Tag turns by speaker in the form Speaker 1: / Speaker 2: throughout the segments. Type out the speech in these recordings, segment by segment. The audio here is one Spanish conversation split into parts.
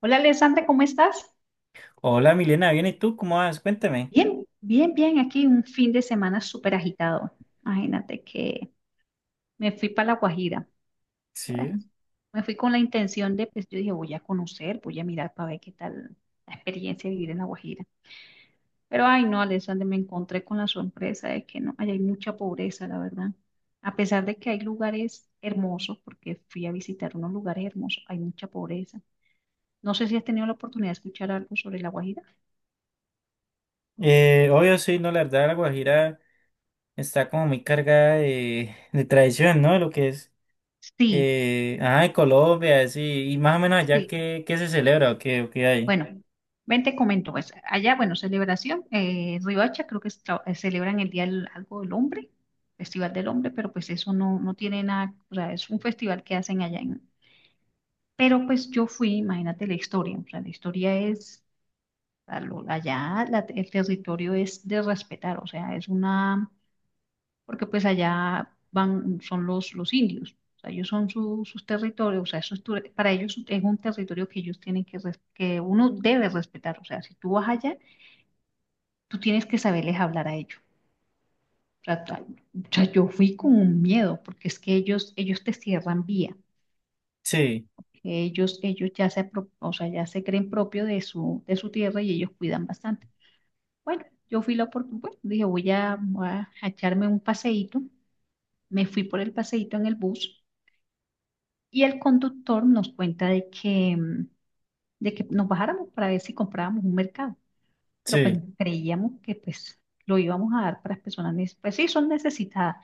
Speaker 1: Hola Alessandra, ¿cómo estás?
Speaker 2: Hola Milena, ¿bien y tú? ¿Cómo vas? Cuéntame.
Speaker 1: Bien, bien, bien. Aquí un fin de semana súper agitado. Imagínate que me fui para La Guajira. Bueno,
Speaker 2: Sí.
Speaker 1: me fui con la intención de, pues yo dije, voy a conocer, voy a mirar para ver qué tal la experiencia de vivir en La Guajira. Pero ay no, Alessandra, me encontré con la sorpresa de que no, allá hay mucha pobreza, la verdad. A pesar de que hay lugares hermosos, porque fui a visitar unos lugares hermosos, hay mucha pobreza. No sé si has tenido la oportunidad de escuchar algo sobre La Guajira.
Speaker 2: Obvio, sí, no, la verdad, la Guajira está como muy cargada de tradición, ¿no? Lo que es,
Speaker 1: Sí,
Speaker 2: ajá, de Colombia, sí, y más o menos allá
Speaker 1: sí.
Speaker 2: qué se celebra o qué hay.
Speaker 1: Bueno, ven te comento, pues allá, bueno, celebración, Riohacha creo que celebran el Día del, algo del Hombre, Festival del Hombre, pero pues eso no, no tiene nada, o sea, es un festival que hacen allá en... Pero pues yo fui, imagínate la historia, o sea, la historia es, allá el territorio es de respetar, o sea, es una porque pues allá van, son los indios, o sea, ellos son sus territorios, o sea, eso es para ellos es un territorio que ellos tienen que, que uno debe respetar, o sea, si tú vas allá, tú tienes que saberles hablar a ellos. O sea, yo fui con un miedo, porque es que ellos te cierran vía.
Speaker 2: Sí,
Speaker 1: Ellos ya se, ya se creen propio de su tierra y ellos cuidan bastante. Bueno, yo fui la oportunidad, bueno, dije, voy a echarme un paseíto. Me fui por el paseíto en el bus. Y el conductor nos cuenta de que, de que nos bajáramos para ver si comprábamos un mercado, pero pues
Speaker 2: sí,
Speaker 1: creíamos que pues lo íbamos a dar para las personas, pues sí, son necesitadas,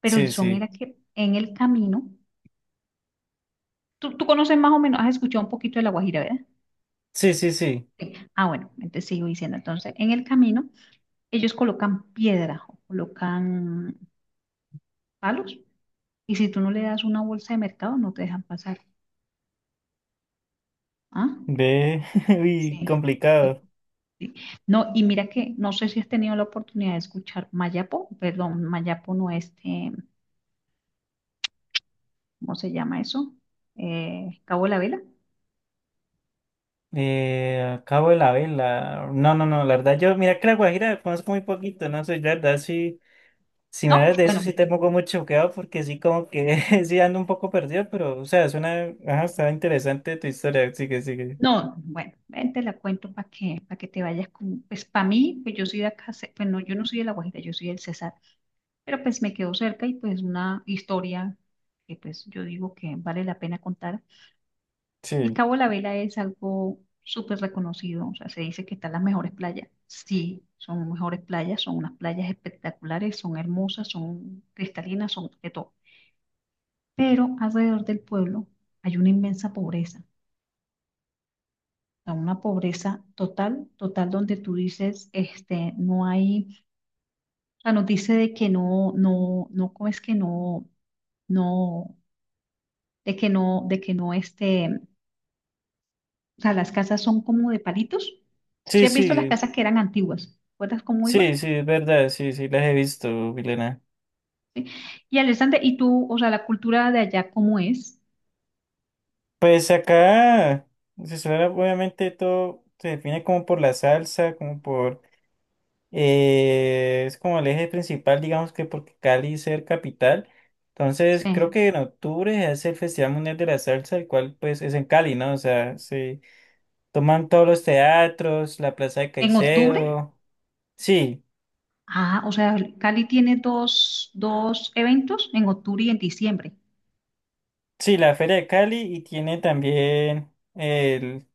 Speaker 1: pero el
Speaker 2: sí,
Speaker 1: son
Speaker 2: sí,
Speaker 1: era que en el camino, tú conoces más o menos, has escuchado un poquito de La Guajira, ¿verdad?
Speaker 2: sí, sí, sí.
Speaker 1: Sí. Ah, bueno, entonces sigo diciendo, entonces en el camino ellos colocan piedras o colocan palos y si tú no le das una bolsa de mercado no te dejan pasar. ¿Ah?
Speaker 2: Ve, uy,
Speaker 1: Sí. Sí.
Speaker 2: complicado.
Speaker 1: Sí. No, y mira que no sé si has tenido la oportunidad de escuchar Mayapo, perdón, Mayapo no este, ¿cómo se llama eso? Cabo de la Vela,
Speaker 2: Cabo de la Vela. No, no, no, la verdad, yo, mira que la Guajira conozco muy poquito, no sé, la verdad, sí. Si me
Speaker 1: ¿no?
Speaker 2: hablas de eso,
Speaker 1: Bueno,
Speaker 2: sí te pongo muy choqueado porque sí, como que sí ando un poco perdido, pero, o sea, suena, ajá, está interesante tu historia. Sigue, sigue.
Speaker 1: no, bueno, ven, te la cuento para que te vayas con, pues para mí, pues yo soy de acá, pues no, yo no soy de La Guajira, yo soy del Cesar, pero pues me quedo cerca y pues una historia que pues yo digo que vale la pena contar. El
Speaker 2: Sí,
Speaker 1: Cabo de la Vela es algo súper reconocido, o sea, se dice que están las mejores playas. Sí, son mejores playas, son unas playas espectaculares, son hermosas, son cristalinas, son de todo. Pero alrededor del pueblo hay una inmensa pobreza, o sea, una pobreza total, total, donde tú dices, este, no hay, o sea, nos dice de que no, no, no, ¿cómo es que no, no, de que no, de que no, este. O sea, las casas son como de palitos. ¿Sí
Speaker 2: sí,
Speaker 1: has visto las
Speaker 2: sí,
Speaker 1: casas que eran antiguas? ¿Recuerdas cómo iba?
Speaker 2: sí, sí, es verdad, sí, sí, las he visto, Milena.
Speaker 1: ¿Sí? Y Alexander, ¿y tú, o sea, la cultura de allá cómo es?
Speaker 2: Pues acá, se suena, obviamente todo se define como por la salsa, como por, es como el eje principal, digamos que porque Cali es el capital. Entonces, creo
Speaker 1: Sí.
Speaker 2: que en octubre es el Festival Mundial de la Salsa, el cual pues es en Cali, ¿no? O sea, sí. Toman todos los teatros, la Plaza de
Speaker 1: ¿En octubre?
Speaker 2: Caicedo. Sí,
Speaker 1: Ah, o sea, Cali tiene dos eventos en octubre y en diciembre.
Speaker 2: sí, la Feria de Cali y tiene también el,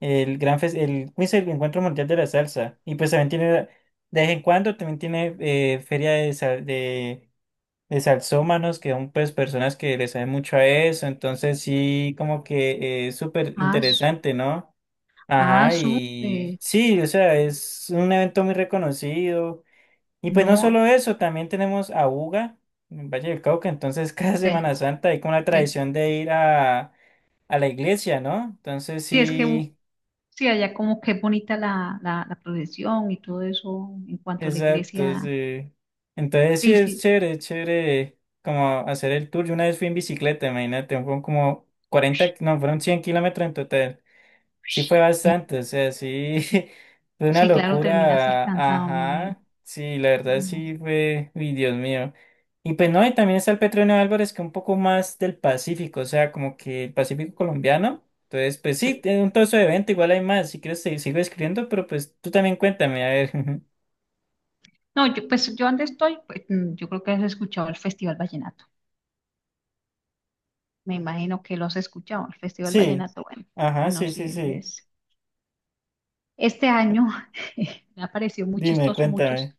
Speaker 2: el gran fes- el, ¿cómo es el Encuentro Mundial de la Salsa? Y pues también tiene, de vez en cuando también tiene feria de salsómanos, que son pues personas que le saben mucho a eso. Entonces sí, como que es súper
Speaker 1: Ah, s-
Speaker 2: interesante, ¿no?
Speaker 1: ah,
Speaker 2: Ajá, y
Speaker 1: súper.
Speaker 2: sí, o sea, es un evento muy reconocido. Y pues no
Speaker 1: No,
Speaker 2: solo eso, también tenemos a Buga en Valle del Cauca, entonces cada
Speaker 1: sí,
Speaker 2: Semana Santa hay como la
Speaker 1: sí.
Speaker 2: tradición de ir a la iglesia, ¿no? Entonces
Speaker 1: Sí, es que
Speaker 2: sí,
Speaker 1: sí, allá como que es bonita la procesión y todo eso en cuanto a la
Speaker 2: exacto,
Speaker 1: iglesia.
Speaker 2: sí. Entonces sí
Speaker 1: Sí, sí.
Speaker 2: es chévere como hacer el tour. Yo una vez fui en bicicleta, imagínate, fueron como 40 no, fueron 100 kilómetros en total. Sí fue
Speaker 1: Ush, bien.
Speaker 2: bastante, o sea, sí, fue una
Speaker 1: Sí, claro, terminaste
Speaker 2: locura,
Speaker 1: cansado, me imagino.
Speaker 2: ajá, sí, la verdad
Speaker 1: Vallenato.
Speaker 2: sí fue, uy, Dios mío. Y pues no, y también está el Petronio Álvarez, que es un poco más del Pacífico, o sea, como que el Pacífico colombiano. Entonces, pues sí,
Speaker 1: Sí.
Speaker 2: es un trozo de evento, igual hay más, si quieres te sigo escribiendo, pero pues tú también cuéntame, a ver.
Speaker 1: No, yo, pues yo donde estoy, pues, yo creo que has escuchado el Festival Vallenato. Me imagino que lo has escuchado, el Festival
Speaker 2: Sí,
Speaker 1: Vallenato. Bueno,
Speaker 2: ajá,
Speaker 1: bueno,
Speaker 2: sí,
Speaker 1: sí,
Speaker 2: sí,
Speaker 1: ese
Speaker 2: sí.
Speaker 1: es. Este año me ha parecido muy
Speaker 2: Dime,
Speaker 1: chistoso
Speaker 2: cuéntame.
Speaker 1: muchos.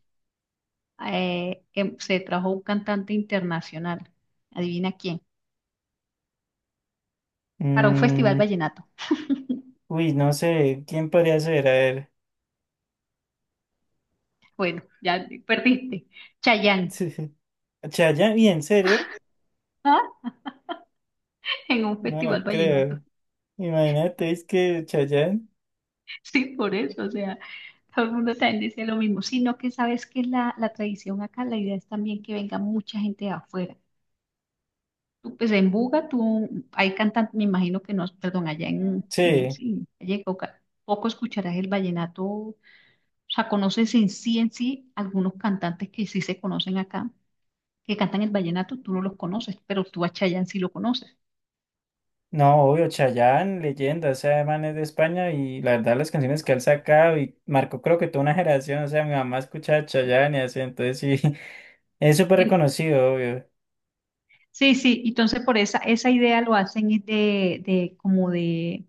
Speaker 1: Se trajo un cantante internacional. Adivina quién. Para un Festival
Speaker 2: Mm,
Speaker 1: Vallenato.
Speaker 2: uy, no sé, ¿quién podría ser? A ver.
Speaker 1: Bueno, ya perdiste. Chayanne.
Speaker 2: Chayanne, ¿y en serio?
Speaker 1: En un
Speaker 2: No lo
Speaker 1: Festival Vallenato.
Speaker 2: creo. Imagínate, es que Chayanne,
Speaker 1: Sí, por eso, o sea, todo el mundo también dice lo mismo, sino que sabes que la tradición acá, la idea es también que venga mucha gente de afuera. Tú, pues en Buga, tú, hay cantantes, me imagino que no, perdón, allá en,
Speaker 2: sí,
Speaker 1: allá en Cauca, poco escucharás el vallenato, o sea, conoces algunos cantantes que sí se conocen acá, que cantan el vallenato, tú no los conoces, pero tú a Chayanne sí lo conoces.
Speaker 2: no, obvio, Chayanne, leyenda, o sea, man es de España y la verdad las canciones que él sacaba y marcó creo que toda una generación, o sea, mi mamá escuchaba Chayanne y así, entonces sí, es súper
Speaker 1: En-
Speaker 2: reconocido, obvio.
Speaker 1: sí, sí, entonces por esa idea lo hacen es de como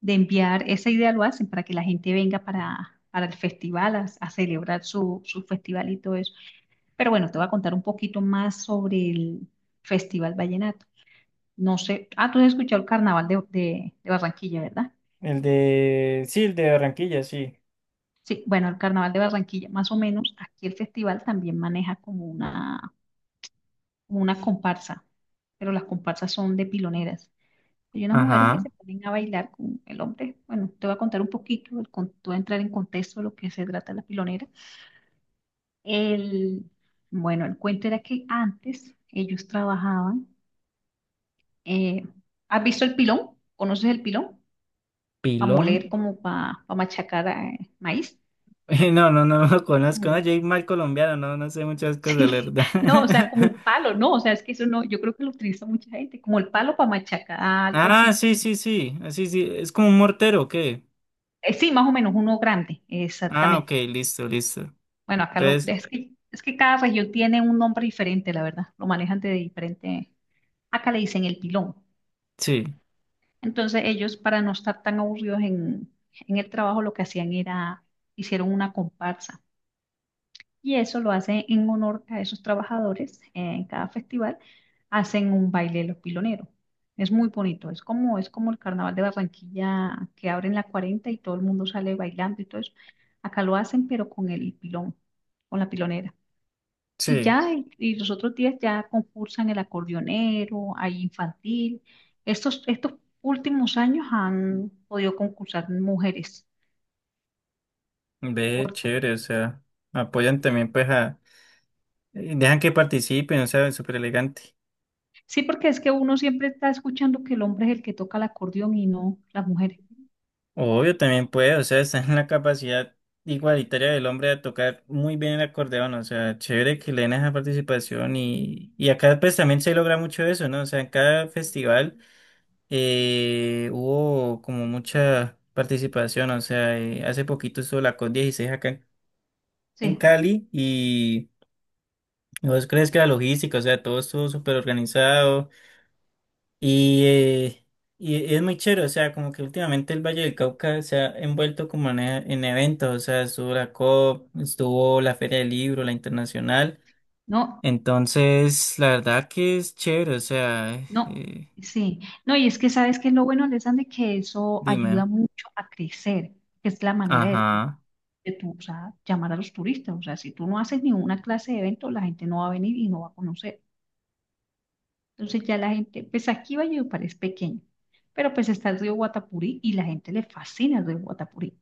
Speaker 1: de enviar esa idea, lo hacen para que la gente venga para el festival a celebrar su, su festival y todo eso. Pero bueno, te voy a contar un poquito más sobre el Festival Vallenato. No sé, ah, tú has escuchado el Carnaval de, de Barranquilla, ¿verdad?
Speaker 2: El de, sí, el de Barranquilla, sí.
Speaker 1: Sí, bueno, el Carnaval de Barranquilla, más o menos, aquí el festival también maneja como una comparsa, pero las comparsas son de piloneras. Hay unas mujeres que
Speaker 2: Ajá,
Speaker 1: se ponen a bailar con el hombre. Bueno, te voy a contar un poquito, el, te voy a entrar en contexto de lo que se trata la pilonera. El, bueno, el cuento era que antes ellos trabajaban. eh, ¿Has visto el pilón? ¿Conoces el pilón? Para
Speaker 2: Pilón.
Speaker 1: moler, como para machacar maíz.
Speaker 2: No, no, no, lo
Speaker 1: Como,
Speaker 2: conozco. No, Jake mal colombiano, no, no sé muchas cosas, la
Speaker 1: sí,
Speaker 2: verdad.
Speaker 1: no, o sea, como un palo, no, o sea, es que eso no, yo creo que lo utiliza mucha gente, como el palo para machacar, algo
Speaker 2: Ah,
Speaker 1: así.
Speaker 2: sí, sí, sí. Ah, sí, sí. Es como un mortero, ¿o qué?
Speaker 1: Sí, más o menos, uno grande,
Speaker 2: Ah, ok,
Speaker 1: exactamente.
Speaker 2: listo, listo.
Speaker 1: Bueno, acá lo,
Speaker 2: Entonces,
Speaker 1: es que cada región tiene un nombre diferente, la verdad, lo manejan de diferente. Acá le dicen el pilón.
Speaker 2: sí.
Speaker 1: Entonces ellos, para no estar tan aburridos en el trabajo, lo que hacían era, hicieron una comparsa. Y eso lo hacen en honor a esos trabajadores. En cada festival hacen un baile de los piloneros. Es muy bonito. Es como el carnaval de Barranquilla que abren la 40 y todo el mundo sale bailando y todo eso. Acá lo hacen, pero con el pilón, con la pilonera. Y
Speaker 2: Sí,
Speaker 1: ya, y los otros días ya concursan el acordeonero, hay infantil. Estos últimos años han podido concursar mujeres.
Speaker 2: ve,
Speaker 1: Por-
Speaker 2: chévere, o sea, apoyan también pues a, dejan que participen, o sea, súper elegante.
Speaker 1: sí, porque es que uno siempre está escuchando que el hombre es el que toca el acordeón y no las mujeres.
Speaker 2: Obvio, también puede, o sea, está en la capacidad igualitaria del hombre de tocar muy bien el acordeón, o sea, chévere que le den esa participación y acá pues también se logra mucho eso, ¿no? O sea, en cada festival hubo como mucha participación, o sea, hace poquito estuvo la COP16 acá en
Speaker 1: Sí,
Speaker 2: Cali y... ¿Vos crees que la logística, o sea, todo estuvo súper organizado? Y, eh, es muy chévere, o sea, como que últimamente el Valle del Cauca se ha envuelto como en eventos, o sea, estuvo la COP, estuvo la Feria del Libro, la Internacional.
Speaker 1: no,
Speaker 2: Entonces, la verdad que es chévere, o sea,
Speaker 1: no,
Speaker 2: eh,
Speaker 1: sí. No, y es que sabes que es lo bueno, Alessandra, que eso ayuda
Speaker 2: dime.
Speaker 1: mucho a crecer, que es la manera
Speaker 2: Ajá.
Speaker 1: de tú, o sea, llamar a los turistas. O sea, si tú no haces ninguna clase de evento, la gente no va a venir y no va a conocer. Entonces ya la gente, pues aquí Valledupar es pequeño, pero pues está el río Guatapurí y la gente le fascina el río Guatapurí.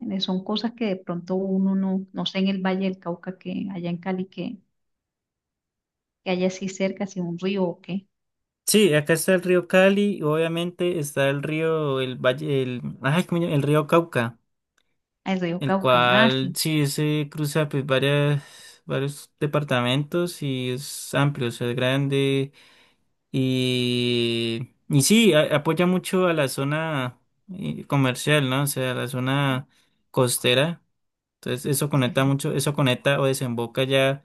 Speaker 1: Son cosas que de pronto uno no, no sé en el Valle del Cauca, que allá en Cali, que haya así cerca, así un río o qué,
Speaker 2: Sí, acá está el río Cali, obviamente está el río, el valle, el, ay, ¿cómo se llama? El río Cauca,
Speaker 1: Ah, el río
Speaker 2: el
Speaker 1: Cauca. Ah,
Speaker 2: cual
Speaker 1: sí,
Speaker 2: sí se cruza pues varias, varios departamentos y es amplio, o sea, es grande. Y sí, apoya mucho a la zona comercial, ¿no? O sea, a la zona costera. Entonces eso
Speaker 1: sí,
Speaker 2: conecta
Speaker 1: sí.
Speaker 2: mucho, eso conecta o desemboca ya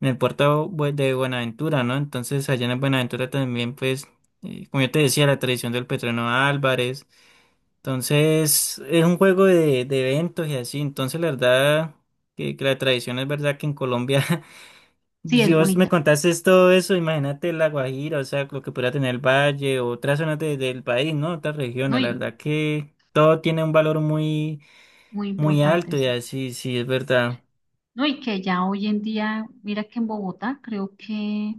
Speaker 2: en el puerto de Buenaventura, ¿no? Entonces allá en Buenaventura también, pues, como yo te decía, la tradición del Petreno Álvarez. Entonces es un juego de eventos y así. Entonces la verdad que la tradición es verdad que en Colombia.
Speaker 1: Sí,
Speaker 2: Si
Speaker 1: es
Speaker 2: vos me
Speaker 1: bonita,
Speaker 2: contases todo eso, imagínate La Guajira, o sea, lo que pudiera tener el valle, otras zonas del país, ¿no? Otras
Speaker 1: ¿no?
Speaker 2: regiones, la
Speaker 1: Y
Speaker 2: verdad que todo tiene un valor muy,
Speaker 1: muy
Speaker 2: muy
Speaker 1: importante,
Speaker 2: alto y
Speaker 1: sí.
Speaker 2: así, sí, es verdad.
Speaker 1: No, y que ya hoy en día, mira que en Bogotá creo que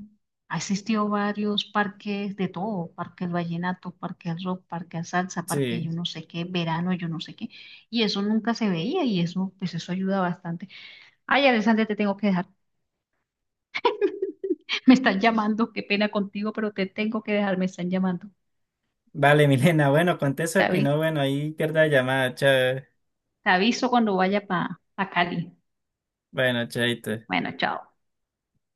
Speaker 1: ha existido varios parques de todo, parque del vallenato, parque del rock, parque del salsa, parque
Speaker 2: Sí.
Speaker 1: yo no sé qué, verano yo no sé qué, y eso nunca se veía y eso, pues eso ayuda bastante. Ay, Alexander, te tengo que dejar, me están llamando, qué pena contigo, pero te tengo que dejar, me están llamando.
Speaker 2: Vale, Milena, bueno, contesto
Speaker 1: Te
Speaker 2: aquí,
Speaker 1: aviso,
Speaker 2: no, bueno, ahí pierda la llamada, chao.
Speaker 1: te aviso cuando vaya para Cali.
Speaker 2: Bueno, chaito.
Speaker 1: Bueno, chao.